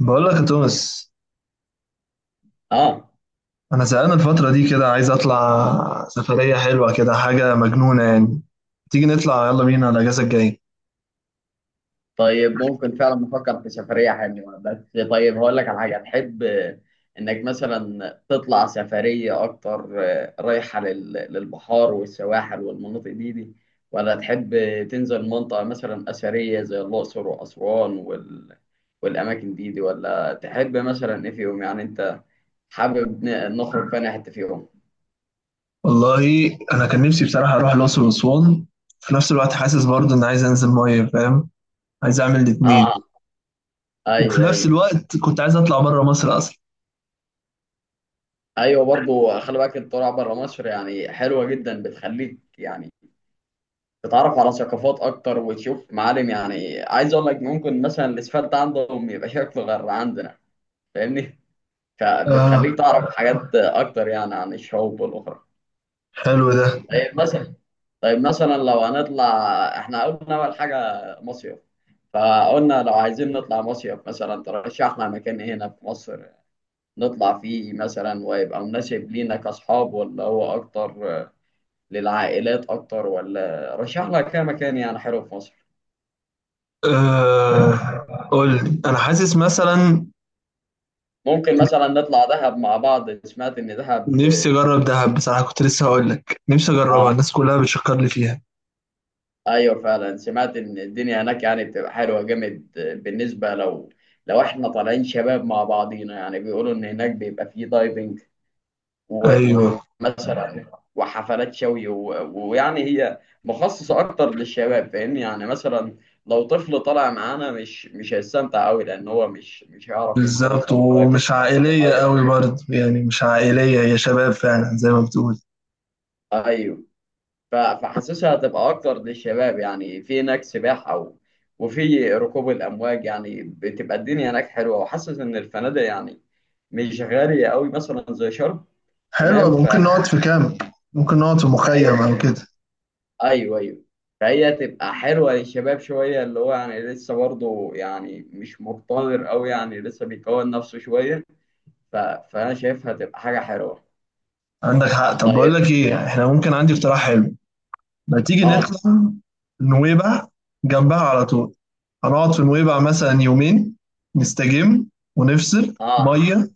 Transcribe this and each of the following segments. بقول لك يا توماس، اه. انا زهقان الفتره دي كده. عايز اطلع سفريه حلوه كده، حاجه مجنونه يعني. تيجي نطلع، يلا بينا على الاجازه الجايه. طيب، ممكن فعلا نفكر في سفرية حلوة. بس طيب هقول لك على حاجة تحب، انك مثلا تطلع سفرية اكتر، رايحة للبحار والسواحل والمناطق دي، ولا تحب، تنزل منطقة مثلا أثرية زي الأقصر وأسوان والأماكن دي، ولا تحب مثلا إيه فيهم؟ يعني أنت حابب نخرج في أي حتة فيهم؟ والله انا كان نفسي بصراحه اروح الاقصر واسوان، في نفس الوقت حاسس برضه ان عايز انزل ميه، فاهم. عايز اعمل الاتنين. اه. وفي ايوه، نفس ايوه. الوقت كنت عايز اطلع بره مصر اصلا. ايوه برضو خلي بالك، الطلوع بره مصر يعني حلوه جدا، بتخليك يعني تتعرف على ثقافات اكتر وتشوف معالم. يعني عايز اقول لك، ممكن مثلا الاسفلت عندهم يبقى شكله غير عندنا، فاهمني؟ اه، فبتخليك تعرف حاجات اكتر يعني عن الشعوب والاخرى. حلو ده. طيب مثلا طيب مثلا لو هنطلع، احنا قلنا اول حاجه مصيف، فقلنا لو عايزين نطلع مصيف مثلا، ترشحنا مكان إيه هنا في مصر نطلع فيه مثلا ويبقى مناسب لينا كاصحاب، ولا هو اكتر للعائلات اكتر؟ ولا رشحنا كام مكان يعني حلو في مصر؟ آه، قول لي، انا حاسس مثلا. ممكن مثلا نطلع دهب مع بعض، سمعت ان دهب. نفسي اجرب دهب بصراحه، كنت لسه هقول لك نفسي اجربها، اه. الناس كلها بتشكر لي فيها. ايوه، فعلا سمعت ان الدنيا هناك يعني بتبقى حلوه جامد، بالنسبه لو احنا طالعين شباب مع بعضينا، يعني بيقولوا ان هناك بيبقى فيه دايفنج و- ايوه، ومثلا وحفلات شوي ويعني هي مخصصه اكتر للشباب، فاهمني؟ يعني مثلا لو طفل طالع معانا مش هيستمتع قوي، لان هو مش هيعرف ينزل بالظبط. مثلا دايفنج ومش تحت عائلية الميه. قوي برضه يعني، مش عائلية، هي شباب فعلا زي ما بتقول. ايوه فحاسسها هتبقى اكتر للشباب، يعني في هناك سباحة وفي ركوب الامواج، يعني بتبقى الدنيا هناك حلوة، وحاسس ان الفنادق يعني مش غالية قوي مثلا زي شرم. حلو تمام أوي. ف- ممكن نقعد في كامب. ممكن نقعد في فهي مخيم او كده. ايوه، ايوه. فهي تبقى حلوة للشباب شوية، اللي هو يعني لسه برضه يعني مش مقتدر قوي، يعني لسه بيكون نفسه شوية، ف... فانا شايفها تبقى حاجة حلوة. عندك حق. طب بقول طيب. لك ايه، احنا ممكن، عندي اقتراح حلو. ما تيجي اه. نطلع نويبع، جنبها على طول. هنقعد في نويبع مثلا يومين، نستجم ونفصل اه. مية.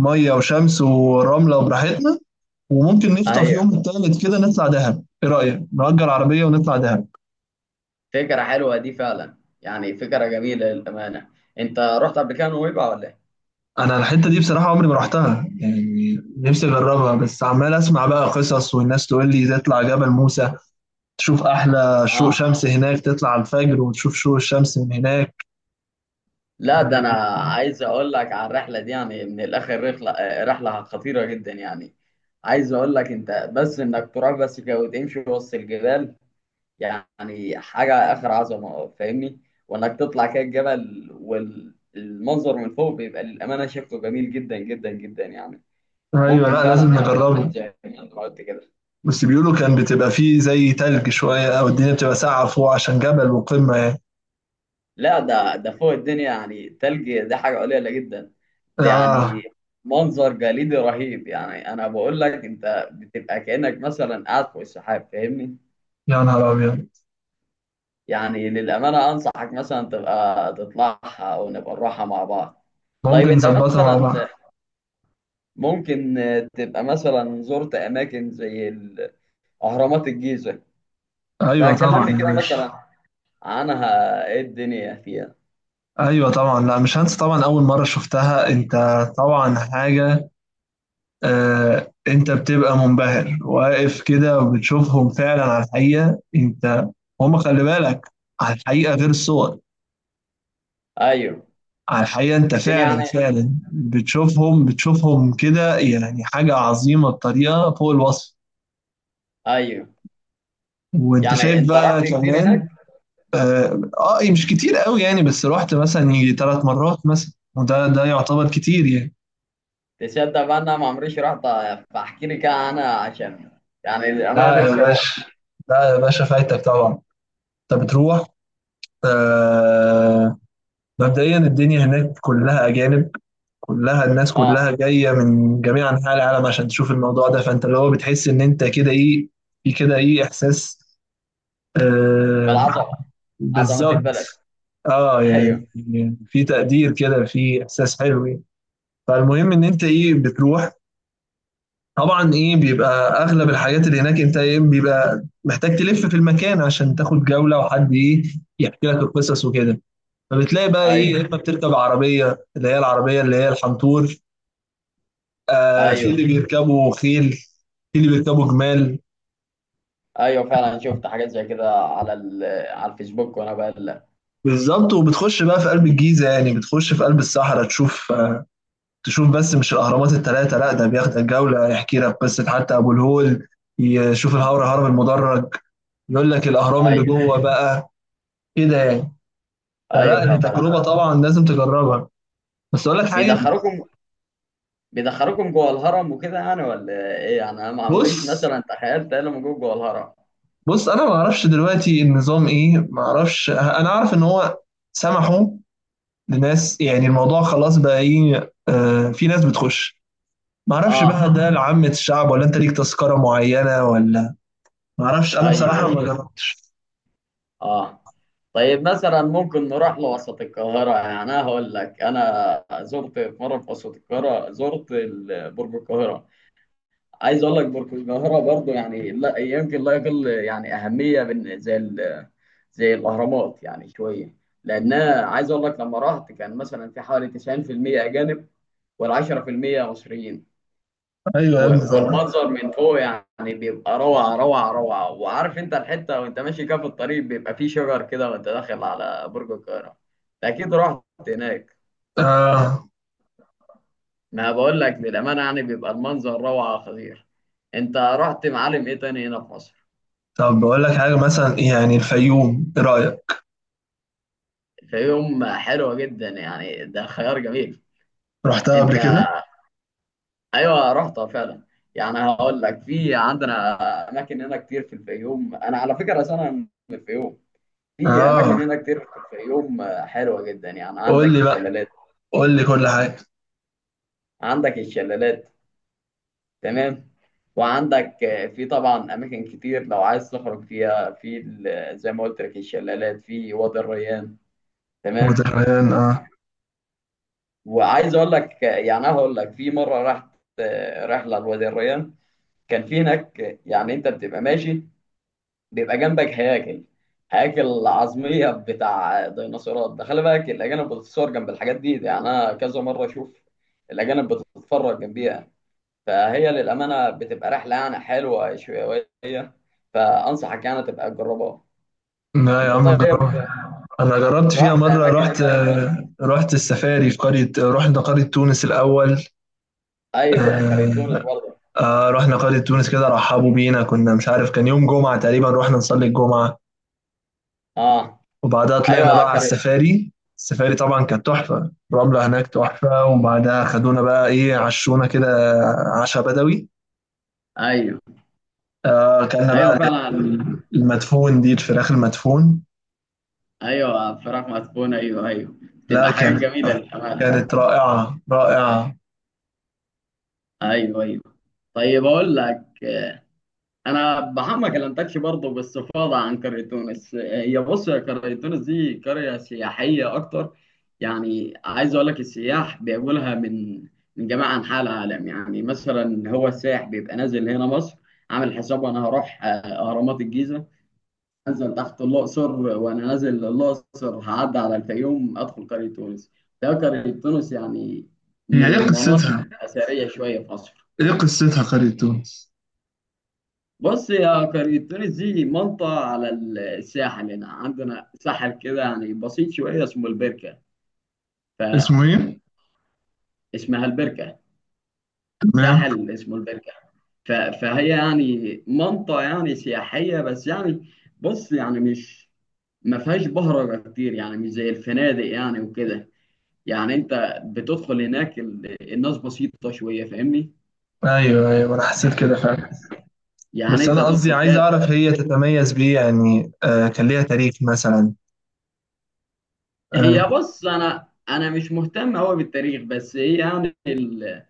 مية وشمس ورملة وبراحتنا. وممكن نخطف ايوه، يوم التالت كده نطلع دهب. ايه رأيك نأجر عربية ونطلع دهب؟ فكرة حلوة دي فعلا، يعني فكرة جميلة للأمانة. أنت رحت قبل كده نويبع ولا إيه؟ انا الحته دي بصراحه عمري ما رحتها، يعني نفسي اجربها، بس عمال اسمع بقى قصص والناس تقول لي تطلع جبل موسى، تشوف احلى شروق آه، شمس هناك، تطلع على الفجر وتشوف شروق الشمس من هناك. لا ده أنا عايز أقول لك على الرحلة دي، يعني من الآخر رحلة، رحلة خطيرة جدا يعني. عايز أقول لك أنت بس، إنك تروح بس كده وتمشي وسط الجبال، يعني حاجة آخر عظمة، فاهمني؟ وإنك تطلع كده الجبل، والمنظر من فوق بيبقى للأمانة شكله جميل جدا جدا جدا يعني. ايوه، ممكن لا فعلا لازم نبقى نعمل نجربه. زي ما أنت قلت كده. بس بيقولوا كان بتبقى فيه زي تلج شويه، او الدنيا بتبقى ساقعه فوق عشان جبل وقمه يعني. لا ده فوق الدنيا، يعني تلج ده حاجة قليلة جدا، ده يعني اه، منظر جليدي رهيب. يعني أنا بقول لك أنت بتبقى كأنك مثلا قاعد فوق السحاب، فاهمني؟ يا نهار ابيض. يعني للأمانة أنصحك مثلا تبقى تطلعها، أو نبقى نروحها مع بعض. طيب ممكن أنت نظبطها مع مثلا بعض. ممكن تبقى مثلا زرت أماكن زي أهرامات الجيزة؟ ايوه طبعا فكلمني يا كده باشا. مثلا عنها، إيه الدنيا فيها. ايوه طبعا، لا مش هنسى طبعا اول مره شفتها انت. طبعا حاجه. انت بتبقى منبهر واقف كده وبتشوفهم فعلا على الحقيقة انت. هم خلي بالك، على الحقيقة غير الصور. أيوه. على الحقيقة انت الدنيا فعلا يعني. فعلا بتشوفهم بتشوفهم كده، يعني حاجة عظيمة بطريقة فوق الوصف. أيوه. وانت يعني شايف أنت بقى رحت كتير كمان. هناك؟ اه. مش كتير قوي يعني، بس رحت مثلا يجي 3 مرات مثلا، وده يعتبر كتير يعني. تصدق بقى انا ما عمريش رحت، فاحكي لي كده انا عشان، يعني الامانه لا يا نفسي اروح. باشا، لا يا باشا فايتك طبعا، انت بتروح. آه، مبدئيا الدنيا هناك كلها أجانب، كلها الناس اه. كلها جاية من جميع أنحاء العالم عشان تشوف الموضوع ده، فأنت اللي هو بتحس إن أنت كده إيه، في كده إيه إحساس. آه، بالعظمه. عظمه بالظبط. البلد. اه، ايوه. يعني في تقدير كده، في إحساس حلو يعني. فالمهم إن أنت إيه بتروح، طبعا إيه بيبقى أغلب الحاجات اللي هناك، أنت إيه بيبقى محتاج تلف في المكان عشان تاخد جولة وحد إيه يحكي لك القصص وكده. فبتلاقي بقى إيه، يا ايوه. إما بتركب عربية اللي هي العربية اللي هي الحنطور، آه في ايوه. اللي بيركبوا خيل، في اللي بيركبوا جمال. ايوه فعلا شفت حاجات زي كده على على الفيسبوك وانا بقلب. بالظبط. وبتخش بقى في قلب الجيزة، يعني بتخش في قلب الصحراء، تشوف آه، تشوف بس مش الأهرامات الثلاثة، لا ده بياخدك جولة يحكي لك قصة حتى أبو الهول، يشوف الهرم هرم المدرج، يقول لك الأهرام اللي ايوه، جوه بقى كده يعني. فلا ايوه دي فعلا. تجربة طبعا لازم تجربها. بس أقول لك حاجة. بيدخلوكم، بيدخلوكم جوه الهرم وكده يعني ولا ايه؟ يعني انا ما عمريش بص، مثلا تخيلت الا موجود جوه، جوه الهرم. بص أنا ما أعرفش دلوقتي النظام إيه، ما أعرفش. أنا أعرف إن هو سمحوا لناس، يعني الموضوع خلاص بقى ايه، آه في ناس بتخش. ما اعرفش اه. بقى ده لعامة الشعب ولا انت ليك تذكرة معينة ولا. ما اعرفش انا ايوه، بصراحة ما ايوه. جربتش. اه. طيب مثلا ممكن نروح لوسط القاهرة، يعني أنا هقول لك، أنا زرت في مرة في وسط القاهرة زرت برج القاهرة. عايز أقول لك، برج القاهرة برضو يعني لا يمكن لا يقل يعني أهمية من زي الأهرامات، يعني شوية، لأنها عايز أقول لك لما رحت كان مثلا في حوالي 90% أجانب، وال10% مصريين. ايوه يا ابني طبعا. والمنظر من فوق يعني بيبقى روعة، روعة، روعة. وعارف انت الحتة وانت ماشي كده في الطريق بيبقى فيه شجر كده وانت داخل على برج القاهرة، انت اكيد رحت هناك. اه، ما بقول لك للأمانة يعني بيبقى المنظر روعة خطير. انت رحت معالم ايه تاني هنا في مصر؟ طب بقول لك حاجة مثلا، يعني الفيوم ايه رأيك؟ الفيوم حلوة جدا يعني، ده خيار جميل. رحتها انت؟ قبل كده. ايوه رحتها فعلا، يعني هقول لك في عندنا اماكن هنا كتير في الفيوم. انا على فكرة اصلا أنا من الفيوم. في اه، اماكن هنا كتير في الفيوم، حلوه جدا. يعني قول عندك لي بقى، الشلالات، قول لي كل حاجة. عندك الشلالات. تمام. وعندك، في طبعا اماكن كتير لو عايز تخرج فيها في زي ما قلت لك الشلالات في وادي الريان. تمام. وتحيان اه. وعايز اقول لك، يعني أنا هقول لك في مره رحت، رحله لوادي الريان، كان في هناك، يعني انت بتبقى ماشي بيبقى جنبك هياكل عظمية بتاع ديناصورات. ده خلي بالك الأجانب بتتصور جنب الحاجات دي، يعني أنا كذا مرة أشوف الأجانب بتتفرج جنبيها. فهي للأمانة بتبقى رحلة يعني حلوة شوية، فأنصحك يعني تبقى تجربها. لا يا أنت عم طيب، جربت. انا جربت فيها رحت مرة، أماكن إيه رحت تاني في مصر؟ آه، رحت السفاري في قرية، رحنا قرية تونس الاول. أيوه قرية آه، تونس برضه. آه رحنا قرية تونس كده، رحبوا بينا. كنا مش عارف كان يوم جمعة تقريبا، رحنا نصلي الجمعة أه. وبعدها طلعنا أيوه بقى على قرية. السفاري. السفاري طبعا كانت تحفة، الرملة هناك تحفة، وبعدها خدونا بقى ايه، عشونا كده عشاء بدوي. أيوه، آه كنا أيوه بقى فعلا. المدفون دي، الفراخ المدفون. أيوه، فراخ مسكونة، أيوه، أيوه. لا تبقى حاجات كانت جميلة للأمانة. كانت رائعة رائعة. أيوه، أيوه. طيب أقول لك، انا بحب ما كلمتكش برضه باستفاضه عن قريه تونس. هي بص، يا قريه تونس دي قريه سياحيه اكتر، يعني عايز اقول لك السياح بيجوا لها من جميع انحاء العالم. يعني مثلا هو السائح بيبقى نازل هنا مصر عامل حسابه انا هروح، اهرامات الجيزه، انزل تحت الاقصر، وانا نازل الاقصر هعدي على الفيوم ادخل قريه تونس. ده قريه تونس يعني هي من ايه المناطق قصتها؟ الاثريه شويه في مصر. ايه قصتها قرية تونس؟ بص يا قرية تونس دي منطقة على الساحل، هنا عندنا ساحل كده يعني بسيط شوية اسمه البركة. اسمه ايه؟ فاسمها البركة، تمام. ساحل اسمه البركة. فهي يعني منطقة يعني سياحية بس، يعني بص يعني مش، ما فيهاش بهرجة كتير، يعني مش زي الفنادق يعني وكده. يعني انت بتدخل هناك الناس بسيطة شوية، فاهمني؟ ايوه ايوه انا حسيت كده فعلا. يعني بس انت أنا قصدي تدخل عايز كده. أعرف هي تتميز بإيه يعني، آه كان ليها تاريخ مثلا. هي آه، بص، انا مش مهتم قوي بالتاريخ، بس هي يعني اللي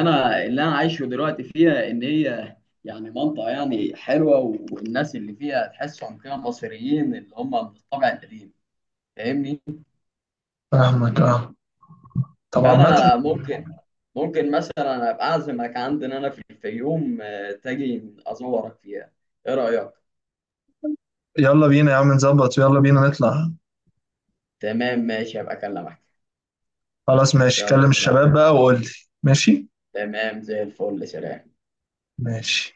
انا اللي انا عايشه دلوقتي فيها ان هي يعني منطقه يعني حلوه، والناس اللي فيها تحسهم كده مصريين اللي هم من الطبع القديم، فاهمني؟ فاهمك أه. طب عامة، فانا ممكن مثلا ابقى اعزمك عندنا انا في الفيوم، تجي ازورك فيها، ايه رايك؟ يلا بينا يا عم نظبط، يلا بينا نطلع. تمام ماشي، ابقى اكلمك. خلاص ماشي، يلا كلم سلام. الشباب بقى وقول لي. ماشي. تمام زي الفل، سلام. ماشي.